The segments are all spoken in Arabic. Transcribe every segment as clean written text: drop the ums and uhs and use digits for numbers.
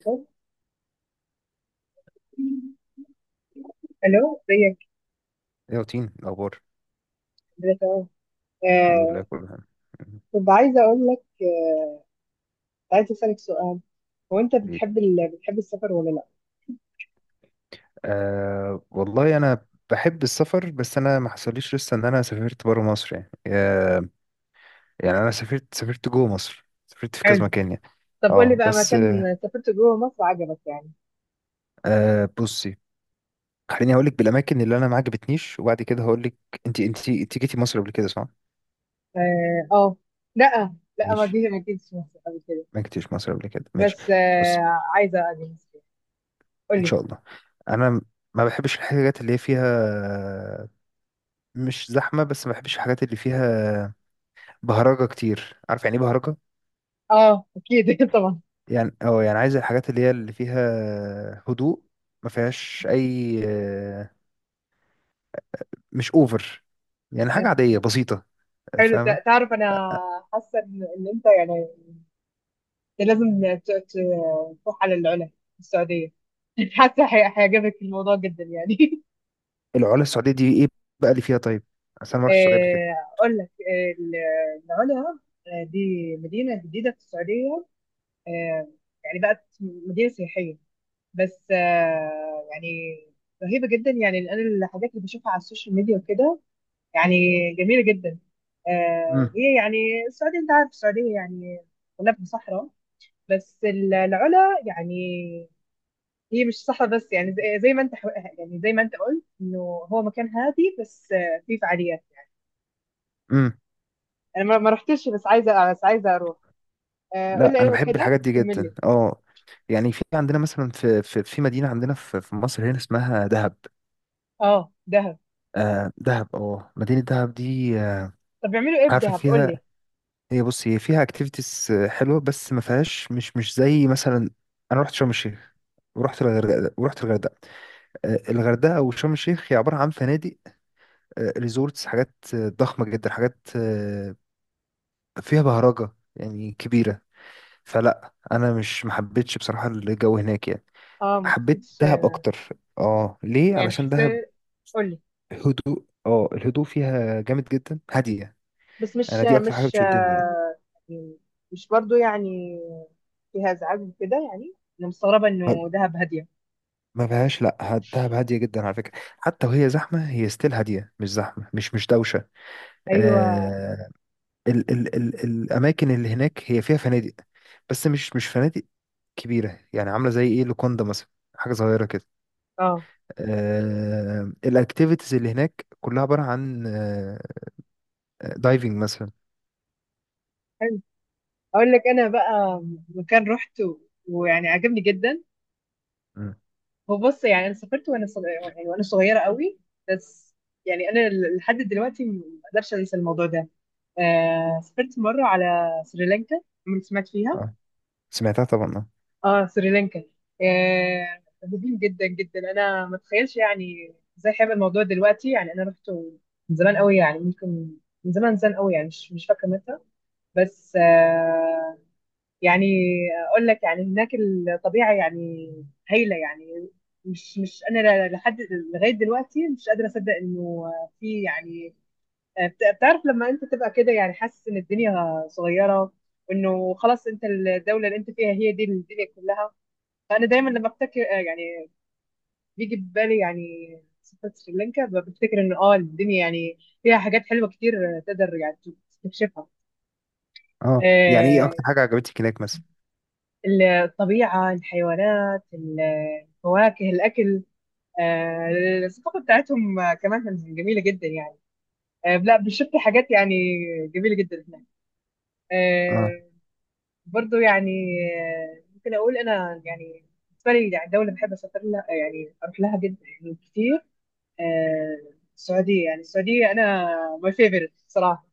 الو، ازيك؟ إيه يا روتين الأخبار؟ الحمد لله تمام. الحمد لله آه كله تمام. مم. كنت عايزه اقول لك، كنت عايزه اسالك سؤال. هو انت حبيبي، بتحب بتحب السفر ولا لا؟ أه والله أنا بحب السفر، بس أنا ما حصليش لسه إن أنا سافرت برا مصر يعني أه. يعني أنا سافرت جوه مصر، سافرت في كذا حلو. مكان يعني. طب قول لي اه بقى بس مكان سافرت جوه مصر عجبك يعني. أه، بصي، خليني هقولك بالأماكن اللي أنا ما عجبتنيش وبعد كده هقولك. أنت جيتي مصر قبل كده صح؟ اه آه. لا ماشي، ما جيتش مصر قبل كده، ما جيتيش مصر قبل كده، ماشي. بس بصي، آه عايزه اجي مصر. قول إن لي. شاء الله. أنا ما بحبش الحاجات اللي هي فيها مش زحمة، بس ما بحبش الحاجات اللي فيها بهرجة كتير. عارف يعني ايه بهرجة؟ اه اكيد طبعا. يعني اه، يعني عايز الحاجات اللي هي اللي فيها هدوء، ما فيهاش اي مش اوفر، يعني حاجة عادية بسيطة. حلو. فاهمة؟ تعرف انا حاسه إن انت يعني، إنت لازم تروح على العلا السعوديه. حاسه هيعجبك الموضوع جدا يعني. العلا السعودية دي ايه بقى اللي فيها طيب؟ عشان ما رحتش السعودية قبل كده. أقول لك، العلا، دي مدينة جديدة في السعودية. آه، يعني بقت مدينة سياحية، بس يعني رهيبة جدا. يعني أنا الحاجات اللي بشوفها على السوشيال ميديا وكده، يعني جميلة جدا. امم. هي يعني السعودية، أنت عارف السعودية يعني كلها في صحراء، بس العلا يعني هي مش صحراء بس. يعني زي زي ما أنت يعني زي ما أنت قلت إنه هو مكان هادي، بس فيه فعاليات. امم، انا ما رحتش، بس عايزه بس عايزه اروح. قول لا لي، انا ايوه بحب كده الحاجات دي كمل لي. جدا اه. يعني في عندنا مثلا في مدينة عندنا في مصر هنا اسمها دهب. اه دهب. آه دهب، اه مدينة دهب دي طب بيعملوا ايه في عارفة دهب، قول فيها. لي؟ هي بص، هي فيها اكتيفيتيز حلوه، بس ما فيهاش، مش مش زي مثلا. انا رحت شرم الشيخ ورحت الغردقه. آه، الغردقه وشرم الشيخ هي عباره عن فنادق، ريزورتس، حاجات آه، ضخمه جدا، حاجات آه، فيها بهرجه يعني كبيره. فلا انا مش، ما حبيتش بصراحه الجو هناك يعني. اه ما حبيت حسيتش. دهب اكتر. اه ليه؟ يعني علشان دهب حسيت. قول لي. هدوء، اه الهدوء فيها جامد جدا، هاديه. بس انا دي اكتر حاجه مش بتشدني. يعني مش برضو يعني فيها ازعاج وكده. يعني انا مستغربه يعني انه دهب هاديه. ما فيهاش، لا ه- دهب هاديه جدا على فكره. حتى وهي زحمه هي ستيل هاديه، مش زحمه، مش دوشه. ايوه. آه، ال ال ال الاماكن اللي هناك هي فيها فنادق، بس مش فنادق كبيره، يعني عامله زي ايه، لوكوندا مثلا، حاجه صغيره كده. اه. آه الاكتيفيتيز اللي هناك كلها عباره عن آه، دايفنج مثلا. حلو. اقول لك انا بقى مكان رحته ويعني عجبني جدا. مم. هو بص، يعني انا سافرت وانا صغيره، يعني وانا صغيره قوي، بس يعني انا لحد دلوقتي ما اقدرش انسى الموضوع ده. آه سافرت مره على سريلانكا. عمرك سمعت فيها؟ اه، سمعتها طبعا اه. اه سريلانكا. آه رهيبين جدا جدا. انا ما اتخيلش يعني ازاي حابب الموضوع دلوقتي. يعني انا رحت من زمان قوي، يعني ممكن من زمان زمان قوي، يعني مش فاكره متى، بس آه يعني اقول لك، يعني هناك الطبيعه يعني هايله يعني. مش مش انا لحد لغايه دلوقتي مش قادره اصدق انه في يعني، بتعرف لما انت تبقى كده يعني حاسس ان الدنيا صغيره، وانه خلاص انت الدوله اللي انت فيها هي دي الدنيا كلها. فانا دايما لما افتكر يعني بيجي ببالي يعني سفرة سريلانكا، بفتكر ان اه الدنيا يعني فيها حاجات حلوه كتير تقدر يعني تستكشفها. اه يعني ايه اكتر حاجه عجبتك هناك مثلا؟ الطبيعة، الحيوانات، الفواكه، الأكل، آه، الثقافة بتاعتهم كمان كانت جميلة جدا يعني. لا بشفت حاجات يعني جميلة جدا هناك. اه، آه، برضو يعني ممكن أقول أنا يعني بالنسبة لي يعني دولة بحب أسافر لها، يعني أروح لها جدا يعني كتير، آه، السعودية. يعني السعودية أنا my favorite صراحة.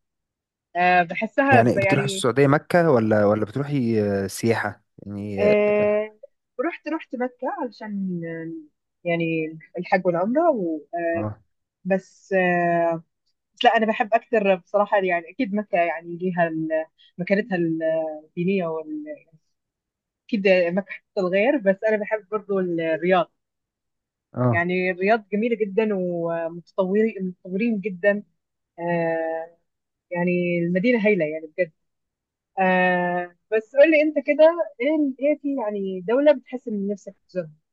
بحسها يعني بتروحي يعني. السعوديه مكه، ولا بتروحي آه، سياحه يعني؟ آه رحت رحت مكة علشان يعني الحج والعمرة و... آه اه بس آه، بس لا أنا بحب أكثر بصراحة. يعني أكيد مكة يعني ليها مكانتها الدينية أكيد مكة حتة الغير، بس أنا بحب برضو الرياض. اه. يعني الرياض جميلة جدا، ومتطورين متطورين جدا. آه يعني المدينة هايلة يعني بجد. آه بس قول لي أنت كده، إيه في يعني دولة بتحس إن نفسك تزورها؟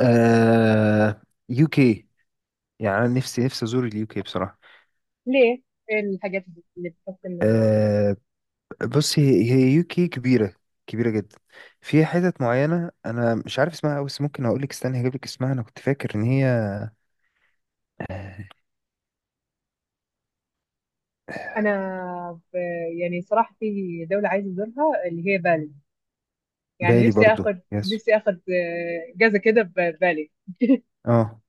آه يو كي. يعني انا نفسي ازور اليو كي بصراحه. ليه؟ ايه الحاجات اللي بتحس انها؟ آه بص، هي يو كي كبيره، كبيره جدا. في حتت معينه انا مش عارف اسمها أوي، بس ممكن اقول لك، استنى هجيب لك اسمها، انا كنت فاكر ان هي آه، انا ب... يعني صراحه في دوله عايزه ازورها اللي هي بالي، يعني بالي برضو، يس، نفسي اخد جزء كده ببالي. اه.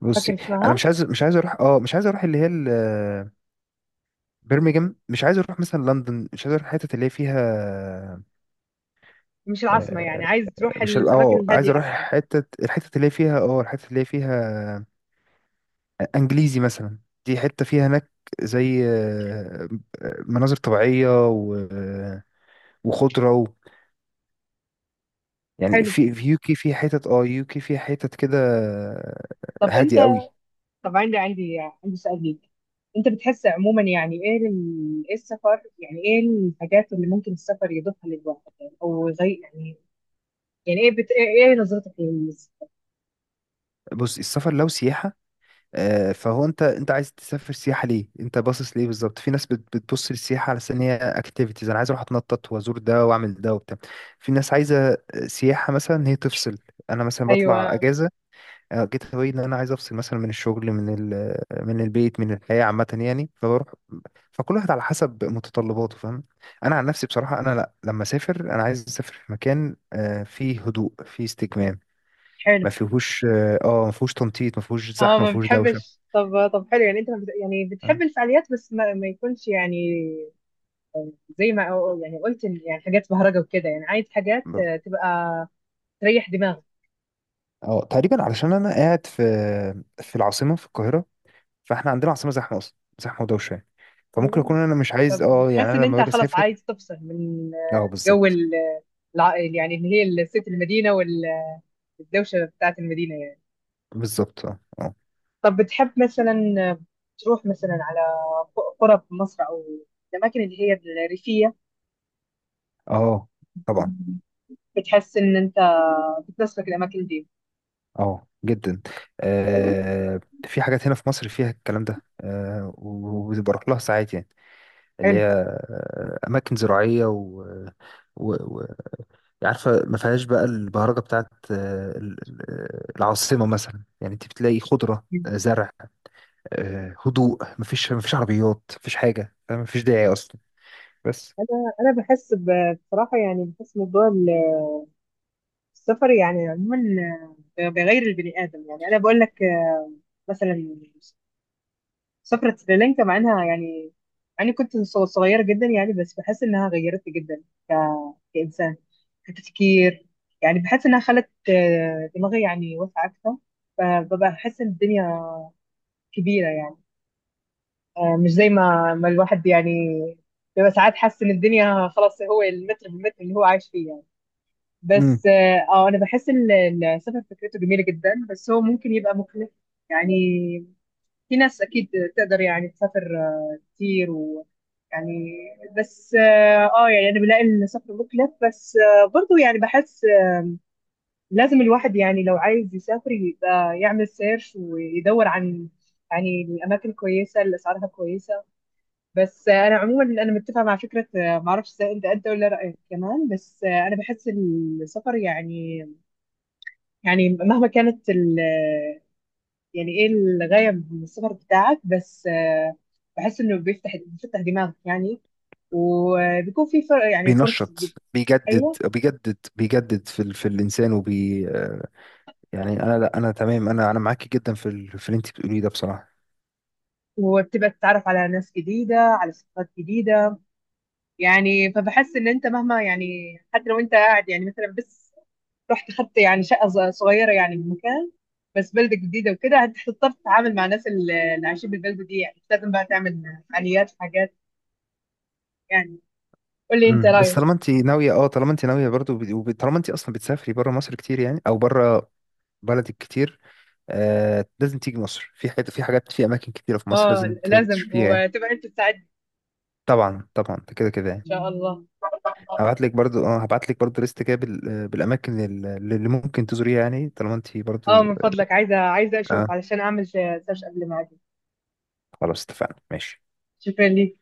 بصي، فاكر انا اسمها؟ مش عايز اروح، اه مش عايز اروح اللي هي برمنجهام، مش عايز اروح مثلا لندن، مش عايز اروح الحتت اللي هي فيها مش العاصمه، يعني آه، عايز تروح مش ال- الاماكن اه عايز الهاديه اروح اكتر. حتت، الحتت اللي هي فيها، اه الحتت اللي هي فيها انجليزي مثلا. دي حته فيها هناك زي آه، آه، مناظر طبيعيه آه، وخضره و... يعني حلو. في يوكي في حتت، اه يوكي في حتت كده آه، طب انت، هاديه قوي. طب عندي سؤال ليك. انت بتحس عموما يعني ايه ايه السفر يعني، ايه الحاجات اللي ممكن السفر يضيفها للواحد يعني او يغير يعني، يعني ايه ايه إيه نظرتك بص، السفر لو سياحه آه، فهو انت، انت عايز تسافر سياحه ليه، انت باصص ليه بالظبط؟ في ناس بتبص للسياحه على أساس ان هي اكتيفيتيز، انا عايز اروح اتنطط وازور ده واعمل ده وبتاع. في ناس عايزه آه، سياحه مثلا ان هي تفصل. انا مثلا بطلع ايوه. اجازه آه، جيت هواي ان انا عايز افصل مثلا من الشغل، من من البيت، من الحياه عامه يعني، فبروح. فكل واحد على حسب متطلباته، فاهم. انا عن نفسي بصراحه انا، لا لما اسافر انا عايز اسافر في مكان آه، فيه هدوء، فيه استجمام، حلو. ما فيهوش اه آه، ما فيهوش تنطيط، ما فيهوش زحمه، اه ما ما فيهوش دوشه. بتحبش. طب طب حلو، يعني انت ما يعني بتحب اه الفعاليات، بس ما يكونش يعني زي ما يعني قلت إن يعني حاجات بهرجه وكده. يعني عايز حاجات ب- تبقى تريح دماغك. آه، تقريبا علشان انا قاعد في، في العاصمه في القاهره، فاحنا عندنا عاصمه زحمه اصلا، زحمه ودوشه يعني، فممكن ايوه، اكون انا مش عايز اه، يعني فبتحس ان انا لما انت باجي خلاص اسافر. عايز تفصل من اه جو بالظبط. يعني اللي هي ست المدينه والدوشه بتاعت المدينه يعني. بالظبط اه اه. طب بتحب مثلا آه، تروح مثلا على قرى في مصر، او الاماكن اللي هي الريفيه؟ آه، طبعا. بتحس ان انت بتناسبك الاماكن دي؟ اه جدا. آه، في حاجات هنا في مصر فيها الكلام ده آه وبروح لها ساعات يعني، اللي حلو. هي آه، أماكن زراعية و, و... و... يعني عارفة، ما فيهاش بقى البهرجة بتاعت آه، العاصمة مثلا. يعني انت بتلاقي خضرة آه، زرع آه، هدوء، ما فيش، ما فيش عربيات، ما فيش حاجة، ما فيش داعي أصلا. بس. انا انا بحس بصراحه، يعني بحس موضوع السفر يعني عموما بغير البني ادم. يعني انا بقول لك مثلا سفرة سريلانكا مع انها يعني، يعني كنت صغيره جدا يعني، بس بحس انها غيرتني جدا ك... كانسان، كتفكير. يعني بحس انها خلت دماغي يعني واسعه اكثر. فببقى بحس ان الدنيا كبيره يعني، مش زي ما الواحد يعني بيبقى ساعات حاسس ان الدنيا خلاص هو المتر بالمتر اللي هو عايش فيه يعني. مم. بس اه انا بحس ان السفر فكرته جميله جدا، بس هو ممكن يبقى مكلف يعني. في ناس اكيد تقدر يعني تسافر كتير و يعني، بس اه يعني انا بلاقي ان السفر مكلف، بس برضو يعني بحس لازم الواحد يعني لو عايز يسافر يبقى يعمل سيرش ويدور عن يعني الاماكن كويسه اللي اسعارها كويسه. بس انا عموما انا متفقه مع فكره معرفش إذا انت ولا رايك كمان، بس انا بحس السفر يعني، يعني مهما كانت ال يعني ايه الغاية من السفر بتاعك، بس بحس انه بيفتح دماغك يعني. وبيكون في يعني بينشط، بيجدد ايوه. بيجدد بيجدد في ال... في الإنسان، وبي آه، يعني انا، لا انا تمام، انا معاكي جدا في في اللي انت بتقوليه ده بصراحه. وبتبقى تتعرف على ناس جديدة، على ثقافات جديدة. يعني فبحس ان انت مهما يعني حتى لو انت قاعد يعني مثلا بس رحت خدت يعني شقة صغيرة يعني بمكان، بس بلدة جديدة وكده هتضطر تتعامل مع الناس اللي عايشين بالبلدة دي يعني، مش لازم بقى تعمل فعاليات وحاجات يعني. قول لي انت امم، بس رأيك. طالما انت ناويه، اه طالما انت ناويه برضو، طالما انت اصلا بتسافري بره مصر كتير يعني، او بره بلدك كتير آه، لازم تيجي مصر، في حاجات في اماكن كتيره في مصر اه لازم لازم، تشوفيها يعني. وتبقى انت تساعدني. طبعا طبعا ده، كده كده ان يعني. شاء الله. هبعت لك برضو، اه هبعت لك برضو ليست كده آه، بالاماكن اللي ممكن تزوريها يعني، طالما انت اه برضو. من فضلك، عايزه اشوف اه، علشان اعمل سيرش قبل ما اجي. خلاص اتفقنا، ماشي. شكرا ليك.